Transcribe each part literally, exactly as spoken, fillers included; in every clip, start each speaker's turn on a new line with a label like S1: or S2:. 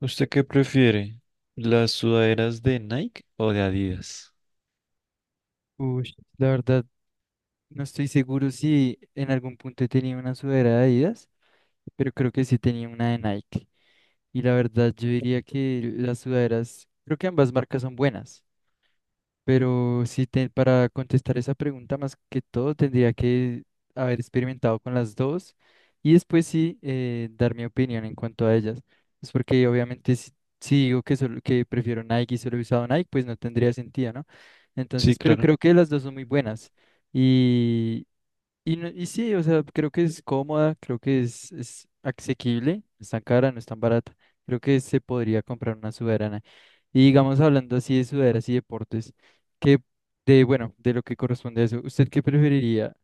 S1: ¿Usted qué prefiere? ¿Las sudaderas de Nike o de Adidas?
S2: Uy, la verdad, no estoy seguro si en algún punto tenía una sudadera de Adidas, pero creo que sí tenía una de Nike. Y la verdad, yo diría que las sudaderas, creo que ambas marcas son buenas. Pero sí, te- para contestar esa pregunta, más que todo, tendría que haber experimentado con las dos y después sí eh, dar mi opinión en cuanto a ellas. Es porque obviamente si, si digo que, solo, que prefiero Nike y solo he usado Nike, pues no tendría sentido, ¿no?
S1: Sí,
S2: Entonces, pero
S1: claro.
S2: creo que las dos son muy buenas y, no- y sí, o sea, creo que es cómoda, creo que es, es asequible, no es tan cara, no es tan barata. Creo que se podría comprar una sudadera. Y digamos, hablando así de sudaderas y deportes, que de, bueno, de lo que corresponde a eso, ¿usted qué preferiría?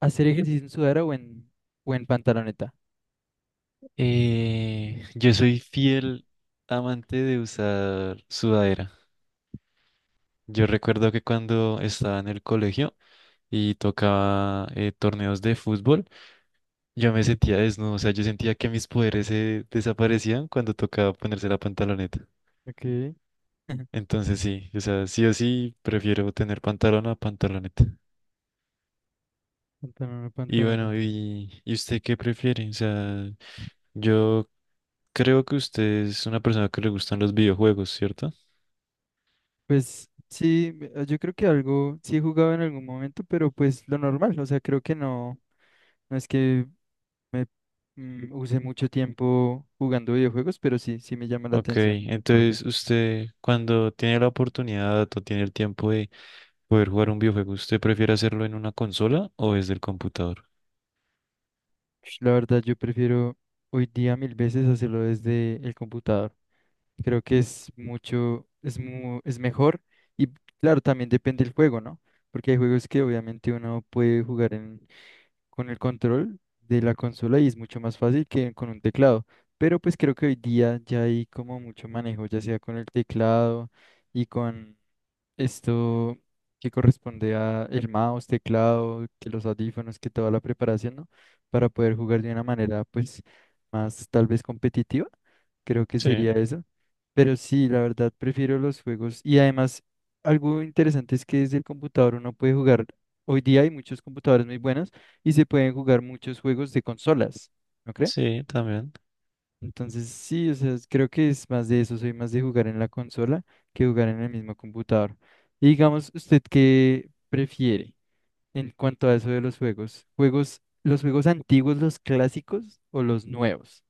S2: ¿Hacer ejercicio en sudadera o en, o en pantaloneta?
S1: Eh, yo soy fiel amante de usar sudadera. Yo recuerdo que cuando estaba en el colegio y tocaba eh, torneos de fútbol, yo me sentía desnudo, o sea, yo sentía que mis poderes se desaparecían cuando tocaba ponerse la pantaloneta.
S2: Ok,
S1: Entonces sí, o sea, sí o sí prefiero tener pantalón a pantaloneta.
S2: pantalón o
S1: Y bueno,
S2: pantaloneta.
S1: ¿y, y usted qué prefiere? O sea, yo creo que usted es una persona que le gustan los videojuegos, ¿cierto?
S2: Pues sí, me- ah, yo creo que algo, sí he jugado en algún momento, pero pues lo normal, o sea, creo que no, no es que me mm, usé mucho tiempo jugando videojuegos, pero sí, sí me llama la
S1: Ok,
S2: atención. Porque
S1: entonces usted cuando tiene la oportunidad o tiene el tiempo de poder jugar un videojuego, ¿usted prefiere hacerlo en una consola o desde el computador?
S2: la verdad yo prefiero hoy día mil veces hacerlo desde el computador. Creo que es mucho, es mu- es mejor y claro, también depende del juego, ¿no? Porque hay juegos que obviamente uno puede jugar en, con el control de la consola y es mucho más fácil que con un teclado. Pero pues creo que hoy día ya hay como mucho manejo, ya sea con el teclado y con Esto que corresponde a el mouse, teclado, que los audífonos, que toda la preparación, ¿no? Para poder jugar de una manera, pues, más tal vez competitiva. Creo que
S1: Sí,
S2: sería eso. Pero sí, la verdad, prefiero los juegos. Y además, algo interesante es que desde el computador uno puede jugar. Hoy día hay muchos computadores muy buenos y se pueden jugar muchos juegos de consolas. ¿No crees?
S1: sí, también.
S2: Entonces, sí, o sea, es- creo que es más de eso, soy más de jugar en la consola que jugar en el mismo computador. Y digamos, ¿usted qué prefiere en cuanto a eso de los juegos? ¿Juegos, los juegos antiguos, los clásicos o los nuevos?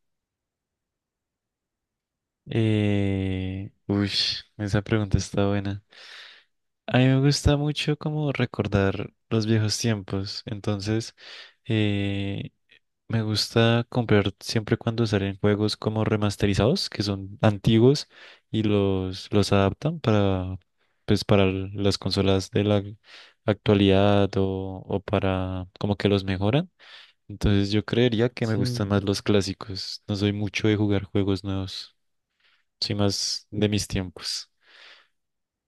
S1: Eh, uy, esa pregunta está buena. A mí me gusta mucho como recordar los viejos tiempos, entonces eh, me gusta comprar siempre cuando salen juegos como remasterizados, que son antiguos y los, los adaptan para, pues, para l- las consolas de la actualidad o, o para como que los mejoran. Entonces yo creería que me
S2: Sí.
S1: gustan más los clásicos, no soy mucho de jugar juegos nuevos, soy más de mis tiempos.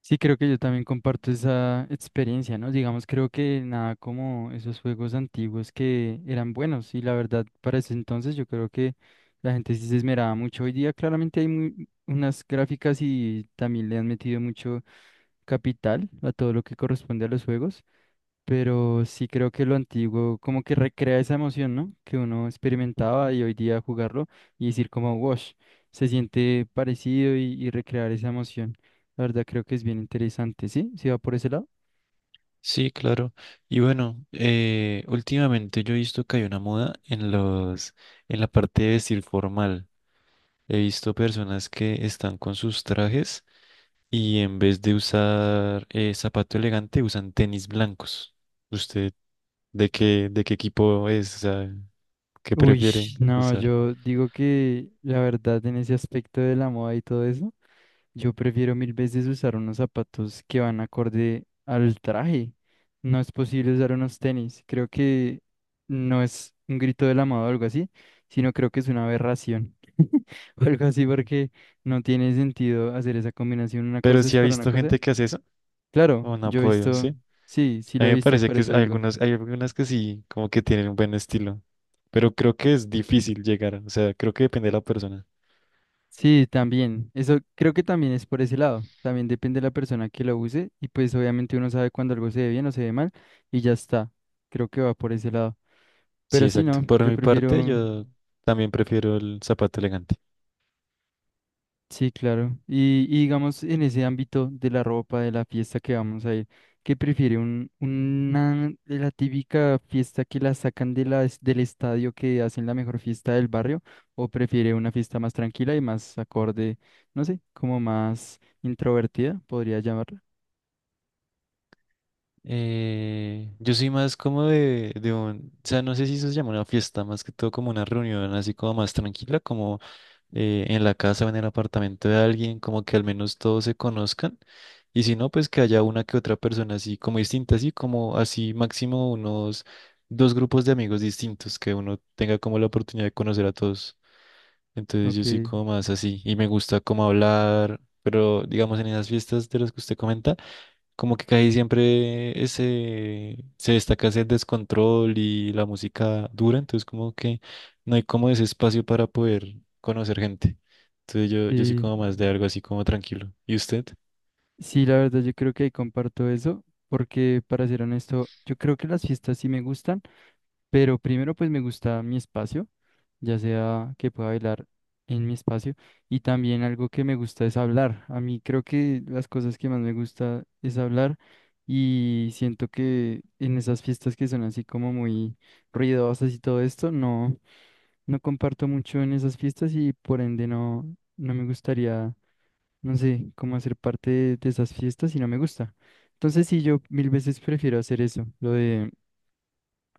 S2: Sí, creo que yo también comparto esa experiencia, ¿no? Digamos, creo que nada como esos juegos antiguos que eran buenos y la verdad para ese entonces yo creo que la gente sí se esmeraba mucho. Hoy día claramente hay muy- unas gráficas y también le han metido mucho capital a todo lo que corresponde a los juegos, pero sí creo que lo antiguo como que recrea esa emoción, ¿no? Que uno experimentaba y hoy día jugarlo y decir como, wash, se siente parecido y, y recrear esa emoción. La verdad creo que es bien interesante, ¿sí? ¿Sí va por ese lado?
S1: Sí, claro. Y bueno, eh, últimamente yo he visto que hay una moda en los, en la parte de vestir formal. He visto personas que están con sus trajes y en vez de usar eh, zapato elegante usan tenis blancos. ¿Usted de qué, de qué equipo es? O sea, ¿qué
S2: Uy,
S1: prefieren
S2: no,
S1: usar?
S2: yo digo que la verdad en ese aspecto de la moda y todo eso. Yo prefiero mil veces usar unos zapatos que van acorde al traje. No es posible usar unos tenis. Creo que no es un grito del amado o algo así, sino creo que es una aberración. O algo así porque no tiene sentido hacer esa combinación. Una
S1: Pero
S2: cosa es
S1: sí ha
S2: para una
S1: visto
S2: cosa.
S1: gente que hace eso,
S2: Claro,
S1: o no
S2: yo he
S1: ha, ¿sí?
S2: visto, sí, sí
S1: A
S2: lo
S1: mí
S2: he
S1: me
S2: visto,
S1: parece
S2: por
S1: que es-
S2: eso
S1: hay
S2: digo.
S1: algunas, hay algunas que sí, como que tienen un buen estilo, pero creo que es difícil llegar, o sea, creo que depende de la persona.
S2: Sí, también. Eso creo que también es por ese lado. También depende de la persona que lo use y pues obviamente uno sabe cuando algo se ve bien o se ve mal y ya está. Creo que va por ese lado.
S1: Sí,
S2: Pero sí,
S1: exacto.
S2: no,
S1: Por
S2: yo
S1: mi parte,
S2: prefiero,
S1: yo también prefiero el zapato elegante.
S2: sí, claro. Y, y digamos en ese ámbito de la ropa, de la fiesta que vamos a ir, ¿qué prefiere? Un, una, la típica fiesta que la sacan de la, del estadio que hacen la mejor fiesta del barrio o prefiere una fiesta más tranquila y más acorde, no sé, como más introvertida, podría llamarla.
S1: Eh, yo soy más como de, de un, o sea, no sé si eso se llama una fiesta, más que todo como una reunión así como más tranquila, como eh, en la casa o en el apartamento de alguien, como que al menos todos se conozcan. Y si no, pues que haya una que otra persona así como distinta, así como así máximo unos dos grupos de amigos distintos, que uno tenga como la oportunidad de conocer a todos. Entonces yo
S2: Ok,
S1: soy como más así y me gusta como hablar, pero digamos en esas fiestas de las que usted comenta. Como que casi siempre ese, se destaca ese descontrol y la música dura, entonces como que no hay como ese espacio para poder conocer gente. Entonces yo, yo soy como
S2: sí,
S1: más de algo así como tranquilo. ¿Y usted?
S2: sí, la verdad yo creo que ahí comparto eso, porque para ser honesto, yo creo que las fiestas sí me gustan, pero primero pues me gusta mi espacio, ya sea que pueda bailar en mi espacio, y también algo que me gusta es hablar. A mí creo que las cosas que más me gusta es hablar y siento que en esas fiestas que son así como muy ruidosas y todo esto, no, no comparto mucho en esas fiestas y por ende no, no me gustaría. No sé, cómo hacer parte de, de esas fiestas y no me gusta. Entonces sí, yo mil veces prefiero hacer eso, lo de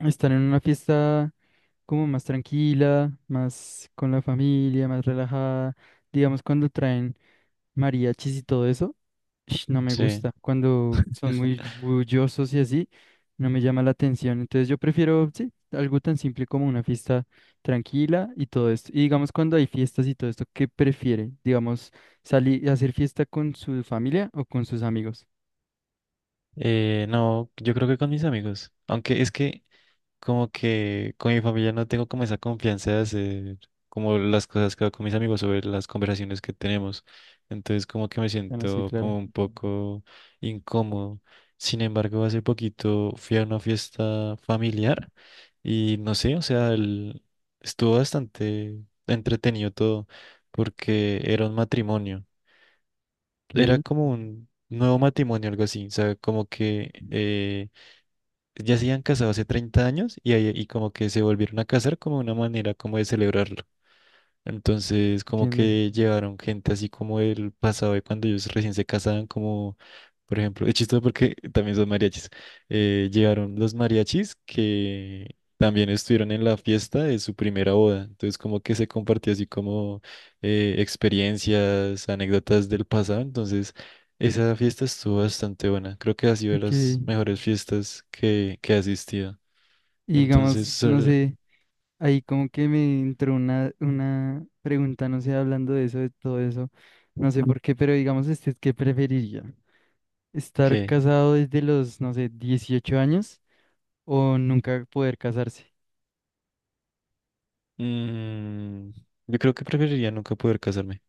S2: estar en una fiesta como más tranquila, más con la familia, más relajada. Digamos, cuando traen mariachis y todo eso, ish, no me
S1: Sí.
S2: gusta. Cuando son muy bullosos y así, no me llama la atención. Entonces yo prefiero, sí, algo tan simple como una fiesta tranquila y todo esto. Y digamos, cuando hay fiestas y todo esto, ¿qué prefiere? Digamos, salir a hacer fiesta con su familia o con sus amigos.
S1: Eh, no, yo creo que con mis amigos. Aunque es que como que con mi familia no tengo como esa confianza de hacer como las cosas que hago con mis amigos sobre las conversaciones que tenemos. Entonces como que me
S2: Bueno, sí,
S1: siento
S2: claro.
S1: como un poco incómodo. Sin embargo, hace poquito fui a una fiesta familiar y no sé, o sea, el- estuvo bastante entretenido todo porque era un matrimonio. Era
S2: Ok,
S1: como un nuevo matrimonio, algo así. O sea, como que... eh, ya se habían casado hace treinta años y, ahí- y como que se volvieron a casar como una manera como de celebrar entonces, como
S2: entiendo.
S1: que llevaron gente así como el pasado de cuando ellos recién se casaban, como por ejemplo, es chistoso porque también son mariachis. Eh, llegaron los mariachis que también estuvieron en la fiesta de su primera boda. Entonces, como que se compartió así como eh, experiencias, anécdotas del pasado. Entonces, esa fiesta estuvo bastante buena. Creo que ha sido de
S2: Ok.
S1: las
S2: Y
S1: mejores fiestas que, que he asistido. Entonces,
S2: digamos, no
S1: sol-
S2: sé. Ahí como que me entró una, una pregunta, no sé, hablando de eso, de todo eso, no sé por qué, pero digamos, este, ¿qué preferiría? ¿Estar
S1: ¿qué?
S2: casado desde los, no sé, dieciocho años o nunca poder casarse?
S1: Mm, yo creo que preferiría nunca poder casarme,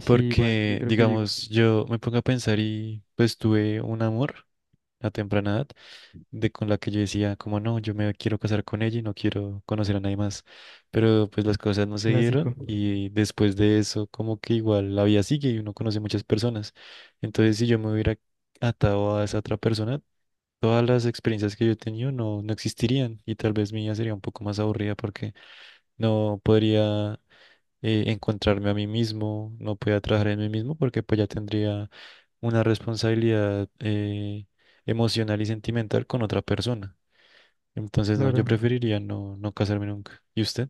S2: Sí, igual, yo
S1: porque,
S2: creo que yo igual.
S1: digamos, yo me pongo a pensar y pues tuve un amor a temprana edad de con la que yo decía, como no, yo me quiero casar con ella y no quiero conocer a nadie más, pero pues las cosas no se
S2: Clásico,
S1: dieron y después de eso como que igual la vida sigue y uno conoce muchas personas, entonces si yo me hubiera atado a esa otra persona, todas las experiencias que yo he tenido no, no existirían y tal vez mi vida sería un poco más aburrida porque no podría eh, encontrarme a mí mismo, no podía trabajar en mí mismo porque pues ya tendría una responsabilidad eh, emocional y sentimental con otra persona. Entonces, no, yo
S2: claro.
S1: preferiría no, no casarme nunca. ¿Y usted?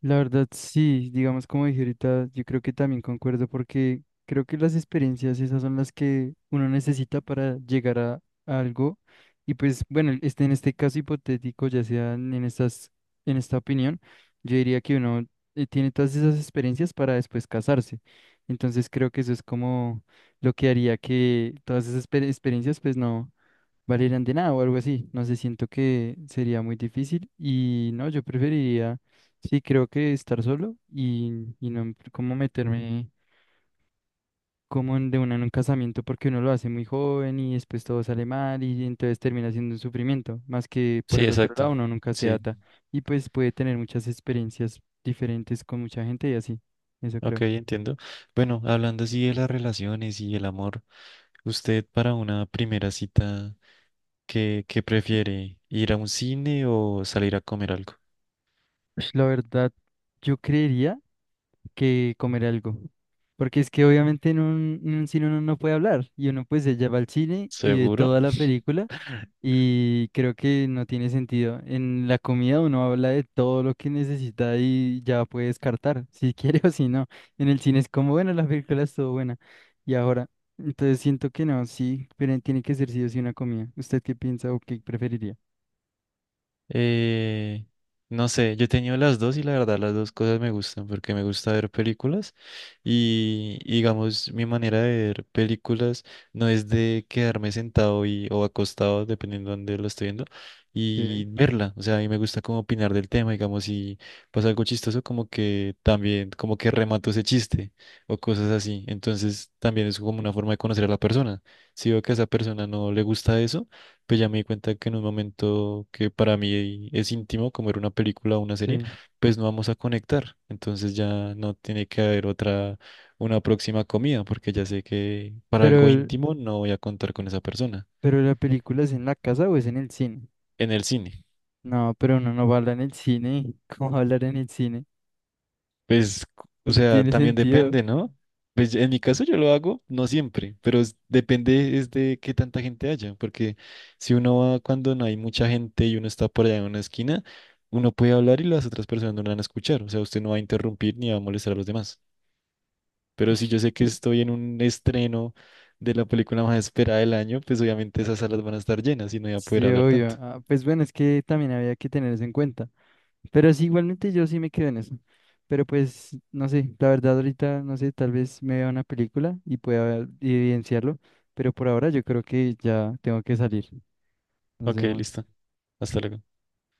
S2: La verdad, sí, digamos como dije ahorita, yo creo que también concuerdo porque creo que las experiencias esas son las que uno necesita para llegar a, a algo y pues bueno, el- este, en este caso hipotético, ya sea en en estas, en esta opinión, yo diría que uno eh, tiene todas esas experiencias para después casarse. Entonces creo que eso es como lo que haría que todas esas exper- experiencias pues no valieran de nada o algo así. No sé, siento que sería muy difícil y no, yo preferiría, sí, creo que estar solo y, y no em, como meterme como en- de una en un casamiento porque uno lo hace muy joven y después todo sale mal y entonces termina siendo un sufrimiento, más que por
S1: Sí,
S2: el otro
S1: exacto.
S2: lado uno nunca se
S1: Sí,
S2: ata y pues puede tener muchas experiencias diferentes con mucha gente y así, eso
S1: ok,
S2: creo.
S1: entiendo. Bueno, hablando así de las relaciones y el amor, ¿usted para una primera cita qué, qué prefiere? ¿Ir a un cine o salir a comer algo?
S2: Pues, la verdad, yo creería que comer algo. Porque es que obviamente en un, en un cine uno no puede hablar y uno pues ella va al cine y ve
S1: ¿Seguro?
S2: toda la película y creo que no tiene sentido. En la comida uno habla de todo lo que necesita y ya puede descartar si quiere o si no. En el cine es como, bueno, la película estuvo buena y ahora. Entonces siento que no, sí, pero tiene que ser sí o sí una comida. ¿Usted qué piensa o qué preferiría?
S1: Eh, no sé, yo he tenido las dos y la verdad las dos cosas me gustan porque me gusta ver películas y y digamos mi manera de ver películas no es de quedarme sentado y, o acostado, dependiendo de dónde lo estoy viendo,
S2: Ok.
S1: y verla. O sea, a mí me gusta como opinar del tema, digamos, si pasa algo chistoso como que también como que remato ese chiste o cosas así. Entonces también es como una forma de conocer a la persona. Si veo que a esa persona no le gusta eso, pues ya me di cuenta que en un momento que para mí es íntimo, como era una película o una serie,
S2: Sí.
S1: pues no vamos a conectar. Entonces ya no tiene que haber otra, una próxima comida, porque ya sé que para
S2: Pero,
S1: algo
S2: el-
S1: íntimo no voy a contar con esa persona
S2: pero ¿la película es en la casa o es en el cine?
S1: en el cine.
S2: No, pero uno no va a hablar en el cine. ¿Cómo va a hablar en el cine?
S1: Pues, o
S2: No
S1: sea,
S2: tiene
S1: también
S2: sentido.
S1: depende, ¿no? Pues en mi caso yo lo hago, no siempre, pero es- depende es de qué tanta gente haya, porque si uno va cuando no hay mucha gente y uno está por allá en una esquina, uno puede hablar y las otras personas no lo van a escuchar, o sea, usted no va a interrumpir ni va a molestar a los demás. Pero si yo
S2: Ush,
S1: sé que estoy en un estreno de la película más esperada del año, pues obviamente esas salas van a estar llenas y no voy a poder
S2: sí,
S1: hablar
S2: obvio.
S1: tanto.
S2: Ah, pues bueno, es que también había que tener eso en cuenta. Pero sí, igualmente yo sí me quedo en eso. Pero pues, no sé, la verdad ahorita, no sé, tal vez me vea una película y pueda evidenciarlo. Pero por ahora yo creo que ya tengo que salir. Nos
S1: Ok,
S2: vemos.
S1: listo. Hasta luego.